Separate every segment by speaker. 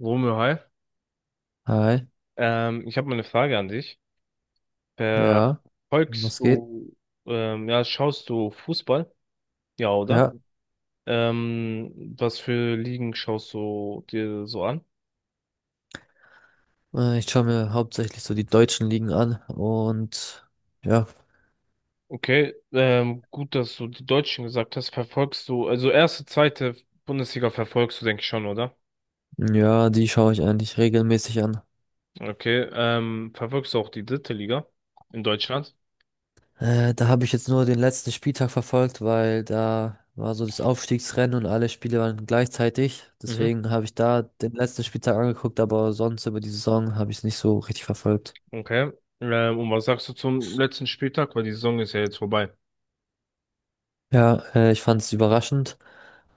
Speaker 1: Romeo, hi.
Speaker 2: Hi,
Speaker 1: Ich habe mal eine Frage an dich.
Speaker 2: ja,
Speaker 1: Verfolgst
Speaker 2: was geht?
Speaker 1: du, ja, Schaust du Fußball? Ja, oder?
Speaker 2: Ja,
Speaker 1: Was für Ligen schaust du dir so an?
Speaker 2: Ich schaue mir hauptsächlich so die deutschen Ligen an und ja,
Speaker 1: Okay, gut, dass du die Deutschen gesagt hast. Verfolgst du, also erste, zweite Bundesliga verfolgst du, denke ich schon, oder?
Speaker 2: ja, die schaue ich eigentlich regelmäßig an.
Speaker 1: Okay, verfolgst du auch die dritte Liga in Deutschland?
Speaker 2: Da habe ich jetzt nur den letzten Spieltag verfolgt, weil da war so das Aufstiegsrennen und alle Spiele waren gleichzeitig.
Speaker 1: Mhm.
Speaker 2: Deswegen habe ich da den letzten Spieltag angeguckt, aber sonst über die Saison habe ich es nicht so richtig verfolgt.
Speaker 1: Okay. Und was sagst du zum letzten Spieltag? Weil die Saison ist ja jetzt vorbei.
Speaker 2: Ja, Ich fand es überraschend,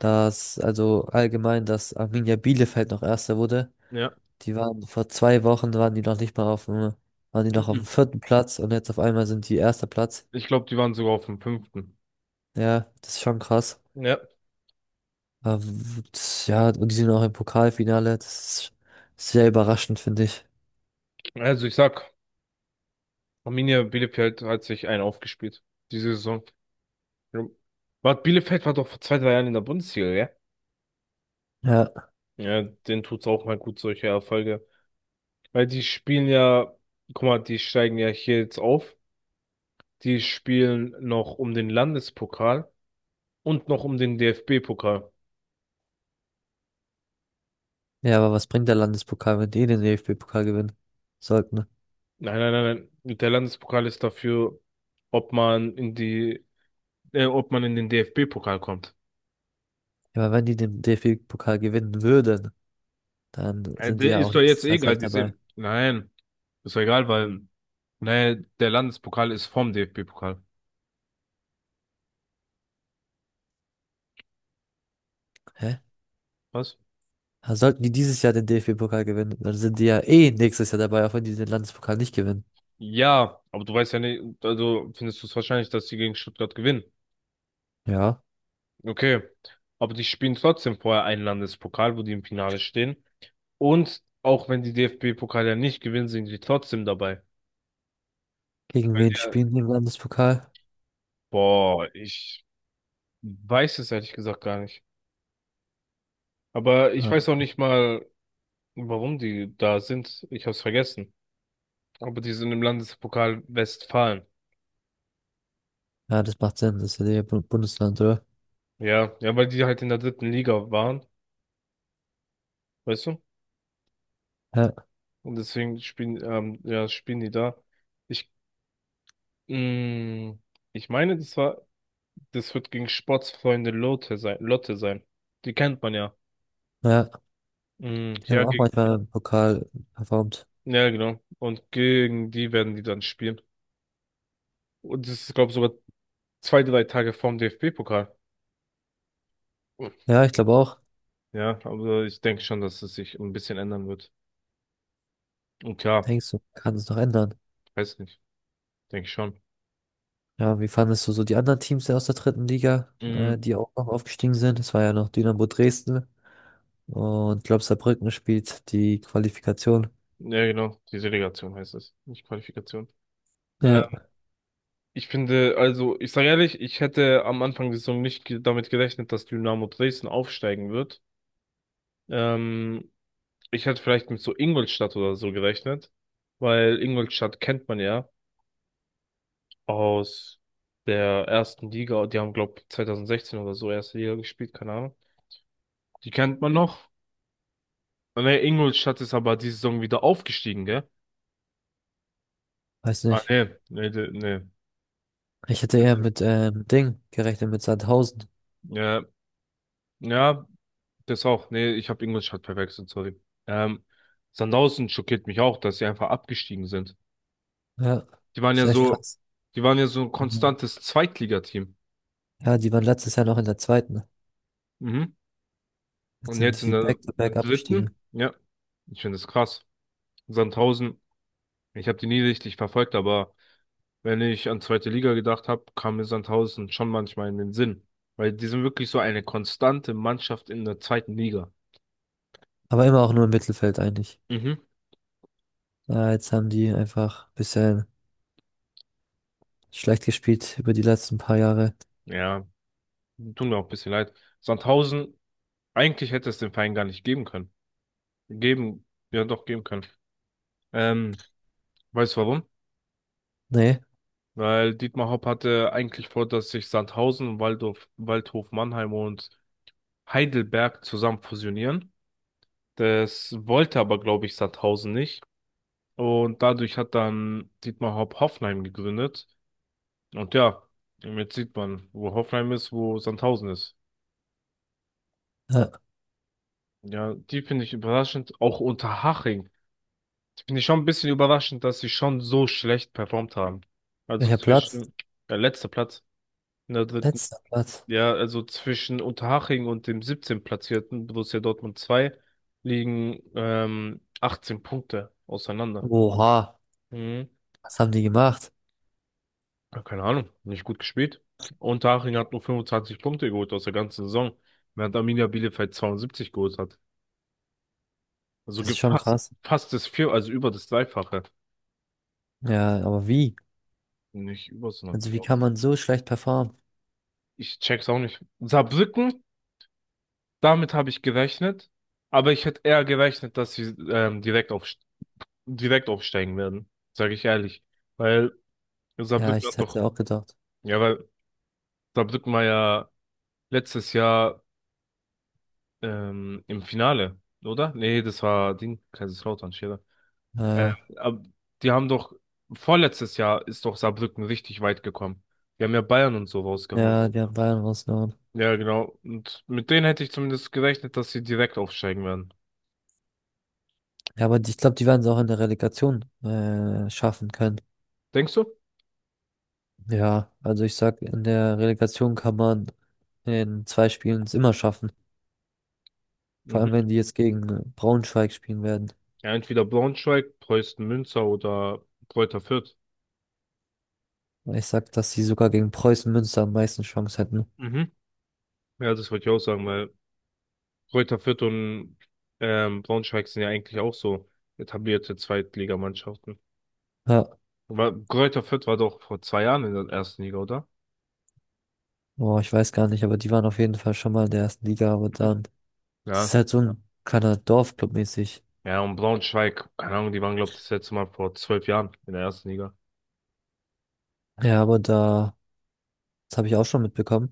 Speaker 2: dass also allgemein, dass Arminia Bielefeld noch Erster wurde.
Speaker 1: Ja.
Speaker 2: Die waren vor zwei Wochen waren die noch nicht mal auf dem, waren die noch auf dem
Speaker 1: Mhm.
Speaker 2: vierten Platz und jetzt auf einmal sind die erster Platz.
Speaker 1: Ich glaube, die waren sogar auf dem fünften.
Speaker 2: Ja, das ist schon krass.
Speaker 1: Ja,
Speaker 2: Aber ja, und die sind auch im Pokalfinale. Das ist sehr überraschend, finde ich.
Speaker 1: also ich sag, Arminia Bielefeld hat sich einen aufgespielt, diese Saison. Ja. War, Bielefeld war doch vor zwei, drei Jahren in der Bundesliga, ja?
Speaker 2: Ja.
Speaker 1: Ja, denen tut's auch mal gut, solche Erfolge. Weil die spielen ja, guck mal, die steigen ja hier jetzt auf. Die spielen noch um den Landespokal und noch um den DFB-Pokal.
Speaker 2: Ja, aber was bringt der Landespokal, wenn die den DFB-Pokal gewinnen sollten?
Speaker 1: Nein, nein, nein, nein. Der Landespokal ist dafür, ob man in die, ob man in den DFB-Pokal kommt.
Speaker 2: Ja, aber wenn die den DFB-Pokal gewinnen würden, dann sind die
Speaker 1: Der
Speaker 2: ja auch
Speaker 1: ist doch jetzt
Speaker 2: nächstes Jahr
Speaker 1: egal.
Speaker 2: safe
Speaker 1: Die
Speaker 2: dabei.
Speaker 1: sind. Nein, ist doch egal, weil nee, der Landespokal ist vom DFB-Pokal.
Speaker 2: Hä?
Speaker 1: Was?
Speaker 2: Also sollten die dieses Jahr den DFB-Pokal gewinnen, dann sind die ja eh nächstes Jahr dabei, auch wenn die den Landespokal nicht gewinnen.
Speaker 1: Ja, aber du weißt ja nicht, also findest du es wahrscheinlich, dass die gegen Stuttgart gewinnen.
Speaker 2: Ja.
Speaker 1: Okay, aber die spielen trotzdem vorher einen Landespokal, wo die im Finale stehen. Und auch wenn die DFB-Pokal ja nicht gewinnen, sind die trotzdem dabei.
Speaker 2: Gegen
Speaker 1: Weil
Speaker 2: wen
Speaker 1: die- ja,
Speaker 2: spielen die im Landespokal?
Speaker 1: boah, ich weiß es ehrlich gesagt gar nicht. Aber ich
Speaker 2: Ah,
Speaker 1: weiß auch nicht mal, warum die da sind. Ich hab's vergessen. Aber die sind im Landespokal Westfalen.
Speaker 2: ja, das macht Sinn, das ist ja der Bundesland, oder?
Speaker 1: Ja, ja, weil die halt in der dritten Liga waren, weißt du?
Speaker 2: Ja,
Speaker 1: Und deswegen spielen, ja, spielen die da. Ich, mh, ich meine, das wird gegen Sportsfreunde Lotte sein, Lotte sein. Die kennt man ja.
Speaker 2: ja,
Speaker 1: Mm,
Speaker 2: die haben
Speaker 1: ja,
Speaker 2: auch
Speaker 1: gegen,
Speaker 2: manchmal im Pokal performt.
Speaker 1: ja, genau. Und gegen die werden die dann spielen. Und das ist, glaube ich, sogar zwei, drei Tage vorm DFB-Pokal.
Speaker 2: Ja, ich glaube auch.
Speaker 1: Ja, aber ich denke schon, dass es sich ein bisschen ändern wird. Und klar,
Speaker 2: Denkst du, kann es noch ändern?
Speaker 1: weiß nicht, denke ich schon.
Speaker 2: Ja, wie fandest du so die anderen Teams aus der dritten Liga,
Speaker 1: Mm,
Speaker 2: die auch noch aufgestiegen sind? Es war ja noch Dynamo Dresden und glaube Saarbrücken spielt die Qualifikation.
Speaker 1: ja, genau, die Relegation heißt es, nicht Qualifikation. Äh,
Speaker 2: Ja,
Speaker 1: Ich finde, also, ich sage ehrlich, ich hätte am Anfang der Saison nicht damit gerechnet, dass Dynamo Dresden aufsteigen wird. Ähm, Ich hätte vielleicht mit so Ingolstadt oder so gerechnet, weil Ingolstadt kennt man ja aus der ersten Liga. Die haben, glaube ich, 2016 oder so erste Liga gespielt, keine Ahnung. Die kennt man noch. Ah, ne, Ingolstadt ist aber diese Saison wieder aufgestiegen, gell?
Speaker 2: weiß
Speaker 1: Ah,
Speaker 2: nicht.
Speaker 1: nee, nee, nee.
Speaker 2: Ich hätte eher
Speaker 1: Nee.
Speaker 2: mit Ding gerechnet, mit Sandhausen.
Speaker 1: Ja, ja, das auch. Nee, ich habe Ingolstadt verwechselt, sorry. Ähm, Sandhausen schockiert mich auch, dass sie einfach abgestiegen sind.
Speaker 2: Ja,
Speaker 1: Die waren
Speaker 2: ist
Speaker 1: ja
Speaker 2: echt
Speaker 1: so,
Speaker 2: krass.
Speaker 1: die waren ja so ein
Speaker 2: Mhm.
Speaker 1: konstantes Zweitligateam.
Speaker 2: Ja, die waren letztes Jahr noch in der zweiten.
Speaker 1: Mhm.
Speaker 2: Jetzt
Speaker 1: Und jetzt
Speaker 2: sind
Speaker 1: in
Speaker 2: die
Speaker 1: der
Speaker 2: Back-to-Back abgestiegen.
Speaker 1: dritten, ja, ich finde das krass. Sandhausen, ich habe die nie richtig verfolgt, aber wenn ich an zweite Liga gedacht habe, kam mir Sandhausen schon manchmal in den Sinn. Weil die sind wirklich so eine konstante Mannschaft in der zweiten Liga.
Speaker 2: Aber immer auch nur im Mittelfeld eigentlich.
Speaker 1: Mhm.
Speaker 2: Ja, jetzt haben die einfach ein bisschen schlecht gespielt über die letzten paar Jahre.
Speaker 1: Ja, tut mir auch ein bisschen leid. Sandhausen, eigentlich hätte es den Verein gar nicht geben können. Geben, ja doch geben können. Ähm, Weißt du warum?
Speaker 2: Nee.
Speaker 1: Weil Dietmar Hopp hatte eigentlich vor, dass sich Sandhausen, und Waldhof Mannheim und Heidelberg zusammen fusionieren. Das wollte aber, glaube ich, Sandhausen nicht. Und dadurch hat dann Dietmar Hopp Hoffenheim gegründet. Und ja, jetzt sieht man, wo Hoffenheim ist, wo Sandhausen ist.
Speaker 2: Ja.
Speaker 1: Ja, die finde ich überraschend. Auch Unterhaching. Die finde ich schon ein bisschen überraschend, dass sie schon so schlecht performt haben. Also
Speaker 2: Welcher Platz?
Speaker 1: zwischen der letzte Platz. In der dritten,
Speaker 2: Letzter Platz.
Speaker 1: ja, also zwischen Unterhaching und dem 17. platzierten Borussia Dortmund 2 liegen 18 Punkte auseinander.
Speaker 2: Oha.
Speaker 1: Mhm.
Speaker 2: Was haben die gemacht?
Speaker 1: Ja, keine Ahnung, nicht gut gespielt. Unterhaching hat nur 25 Punkte geholt aus der ganzen Saison, während Arminia Bielefeld 72 geholt hat. Also
Speaker 2: Das ist schon
Speaker 1: fast,
Speaker 2: krass.
Speaker 1: fast das Vier, also über das Dreifache.
Speaker 2: Ja, aber wie?
Speaker 1: Nicht über, sondern
Speaker 2: Also wie
Speaker 1: knapp.
Speaker 2: kann man so schlecht performen?
Speaker 1: Ich check's auch nicht. Saarbrücken, damit habe ich gerechnet, aber ich hätte eher gerechnet, dass sie direkt aufsteigen werden, sage ich ehrlich. Weil
Speaker 2: Ja,
Speaker 1: Saarbrücken
Speaker 2: ich
Speaker 1: hat doch,
Speaker 2: hätte auch gedacht.
Speaker 1: ja, weil Saarbrücken war ja letztes Jahr im Finale, oder? Nee, das war Ding, Kaiserslautern, Scherer. Ähm,
Speaker 2: Äh,
Speaker 1: aber die haben doch, vorletztes Jahr ist doch Saarbrücken richtig weit gekommen. Die haben ja Bayern und so rausgehauen.
Speaker 2: ja, die haben Bayern rausgehauen.
Speaker 1: Ja, genau. Und mit denen hätte ich zumindest gerechnet, dass sie direkt aufsteigen werden.
Speaker 2: Ja, aber ich glaube, die werden es auch in der Relegation schaffen können.
Speaker 1: Denkst du?
Speaker 2: Ja, also ich sag, in der Relegation kann man in zwei Spielen es immer schaffen. Vor
Speaker 1: Mhm.
Speaker 2: allem, wenn die jetzt gegen Braunschweig spielen werden.
Speaker 1: Ja, entweder Braunschweig, Preußen Münster oder Kräuter Fürth.
Speaker 2: Ich sag, dass sie sogar gegen Preußen Münster am meisten Chance hätten.
Speaker 1: Mhm. Ja, das wollte ich auch sagen, weil Kräuter Fürth und Braunschweig sind ja eigentlich auch so etablierte Zweitligamannschaften.
Speaker 2: Ja,
Speaker 1: Aber Kräuter Fürth war doch vor zwei Jahren in der ersten Liga, oder?
Speaker 2: boah, ich weiß gar nicht, aber die waren auf jeden Fall schon mal in der ersten Liga, aber
Speaker 1: Mhm.
Speaker 2: dann, das ist
Speaker 1: Ja.
Speaker 2: halt so. Ja, ein kleiner Dorfclub mäßig.
Speaker 1: Ja, und Braunschweig, keine Ahnung, die waren, glaube ich, das letzte Mal vor zwölf Jahren in der ersten Liga.
Speaker 2: Ja, aber da, das habe ich auch schon mitbekommen.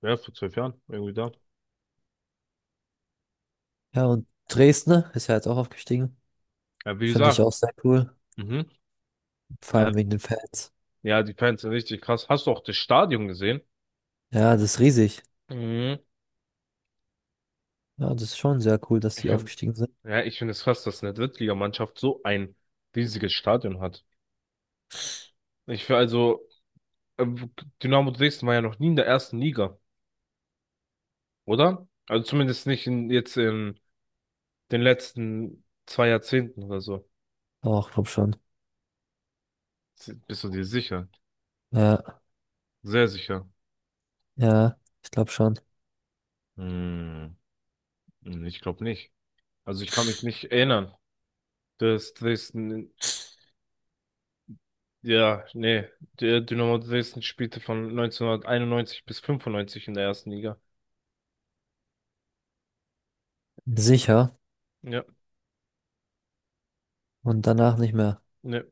Speaker 1: Ja, vor zwölf Jahren, irgendwie da.
Speaker 2: Ja, und Dresden ist ja jetzt auch aufgestiegen.
Speaker 1: Ja, wie
Speaker 2: Finde ich auch
Speaker 1: gesagt,
Speaker 2: sehr cool.
Speaker 1: mhm.
Speaker 2: Vor
Speaker 1: Äh,
Speaker 2: allem wegen den Fans.
Speaker 1: ja, die Fans sind richtig krass. Hast du auch das Stadion gesehen?
Speaker 2: Ja, das ist riesig.
Speaker 1: Mhm.
Speaker 2: Ja, das ist schon sehr cool, dass
Speaker 1: Ich,
Speaker 2: die
Speaker 1: find-
Speaker 2: aufgestiegen sind.
Speaker 1: ja, ich finde es krass, dass eine Drittligamannschaft so ein riesiges Stadion hat. Ich finde also, ähm, Dynamo Dresden war ja noch nie in der ersten Liga. Oder? Also zumindest nicht in, jetzt in den letzten zwei Jahrzehnten oder so.
Speaker 2: Auch, glaub schon.
Speaker 1: Bist du dir sicher?
Speaker 2: Ja,
Speaker 1: Sehr sicher.
Speaker 2: ja, ich glaube schon.
Speaker 1: Hm, ich glaube nicht. Also ich kann mich nicht erinnern, dass Dresden, ja, nee, der Dynamo Dresden spielte von 1991 bis 95 in der ersten Liga.
Speaker 2: Sicher
Speaker 1: Ja,
Speaker 2: und danach nicht mehr.
Speaker 1: ne.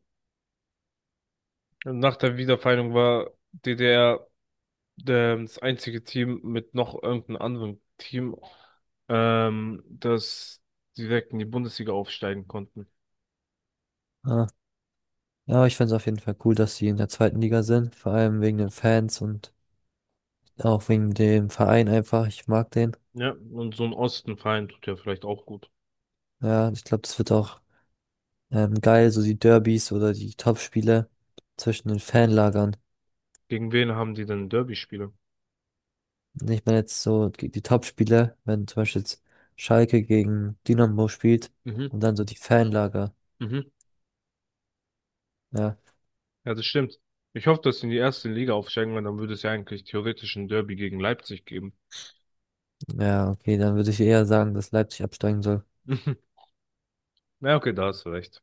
Speaker 1: Nach der Wiedervereinigung war DDR das einzige Team mit noch irgendeinem anderen Team, das direkt in die Bundesliga aufsteigen konnten.
Speaker 2: Ah. Ja, aber ich finde es auf jeden Fall cool, dass sie in der zweiten Liga sind, vor allem wegen den Fans und auch wegen dem Verein einfach. Ich mag den.
Speaker 1: Ja, und so ein Ostenverein tut ja vielleicht auch gut.
Speaker 2: Ja, ich glaube, das wird auch geil, so die Derbys oder die Topspiele zwischen den Fanlagern.
Speaker 1: Gegen wen haben die denn Derby-Spiele?
Speaker 2: Ich meine jetzt so die Topspiele, wenn zum Beispiel jetzt Schalke gegen Dynamo spielt
Speaker 1: Mhm,
Speaker 2: und dann so die Fanlager.
Speaker 1: mhm.
Speaker 2: Ja,
Speaker 1: Ja, das stimmt. Ich hoffe, dass sie in die erste Liga aufsteigen, weil dann würde es ja eigentlich theoretisch ein Derby gegen Leipzig geben.
Speaker 2: ja, okay, dann würde ich eher sagen, dass Leipzig absteigen soll.
Speaker 1: Na, okay, da hast du recht.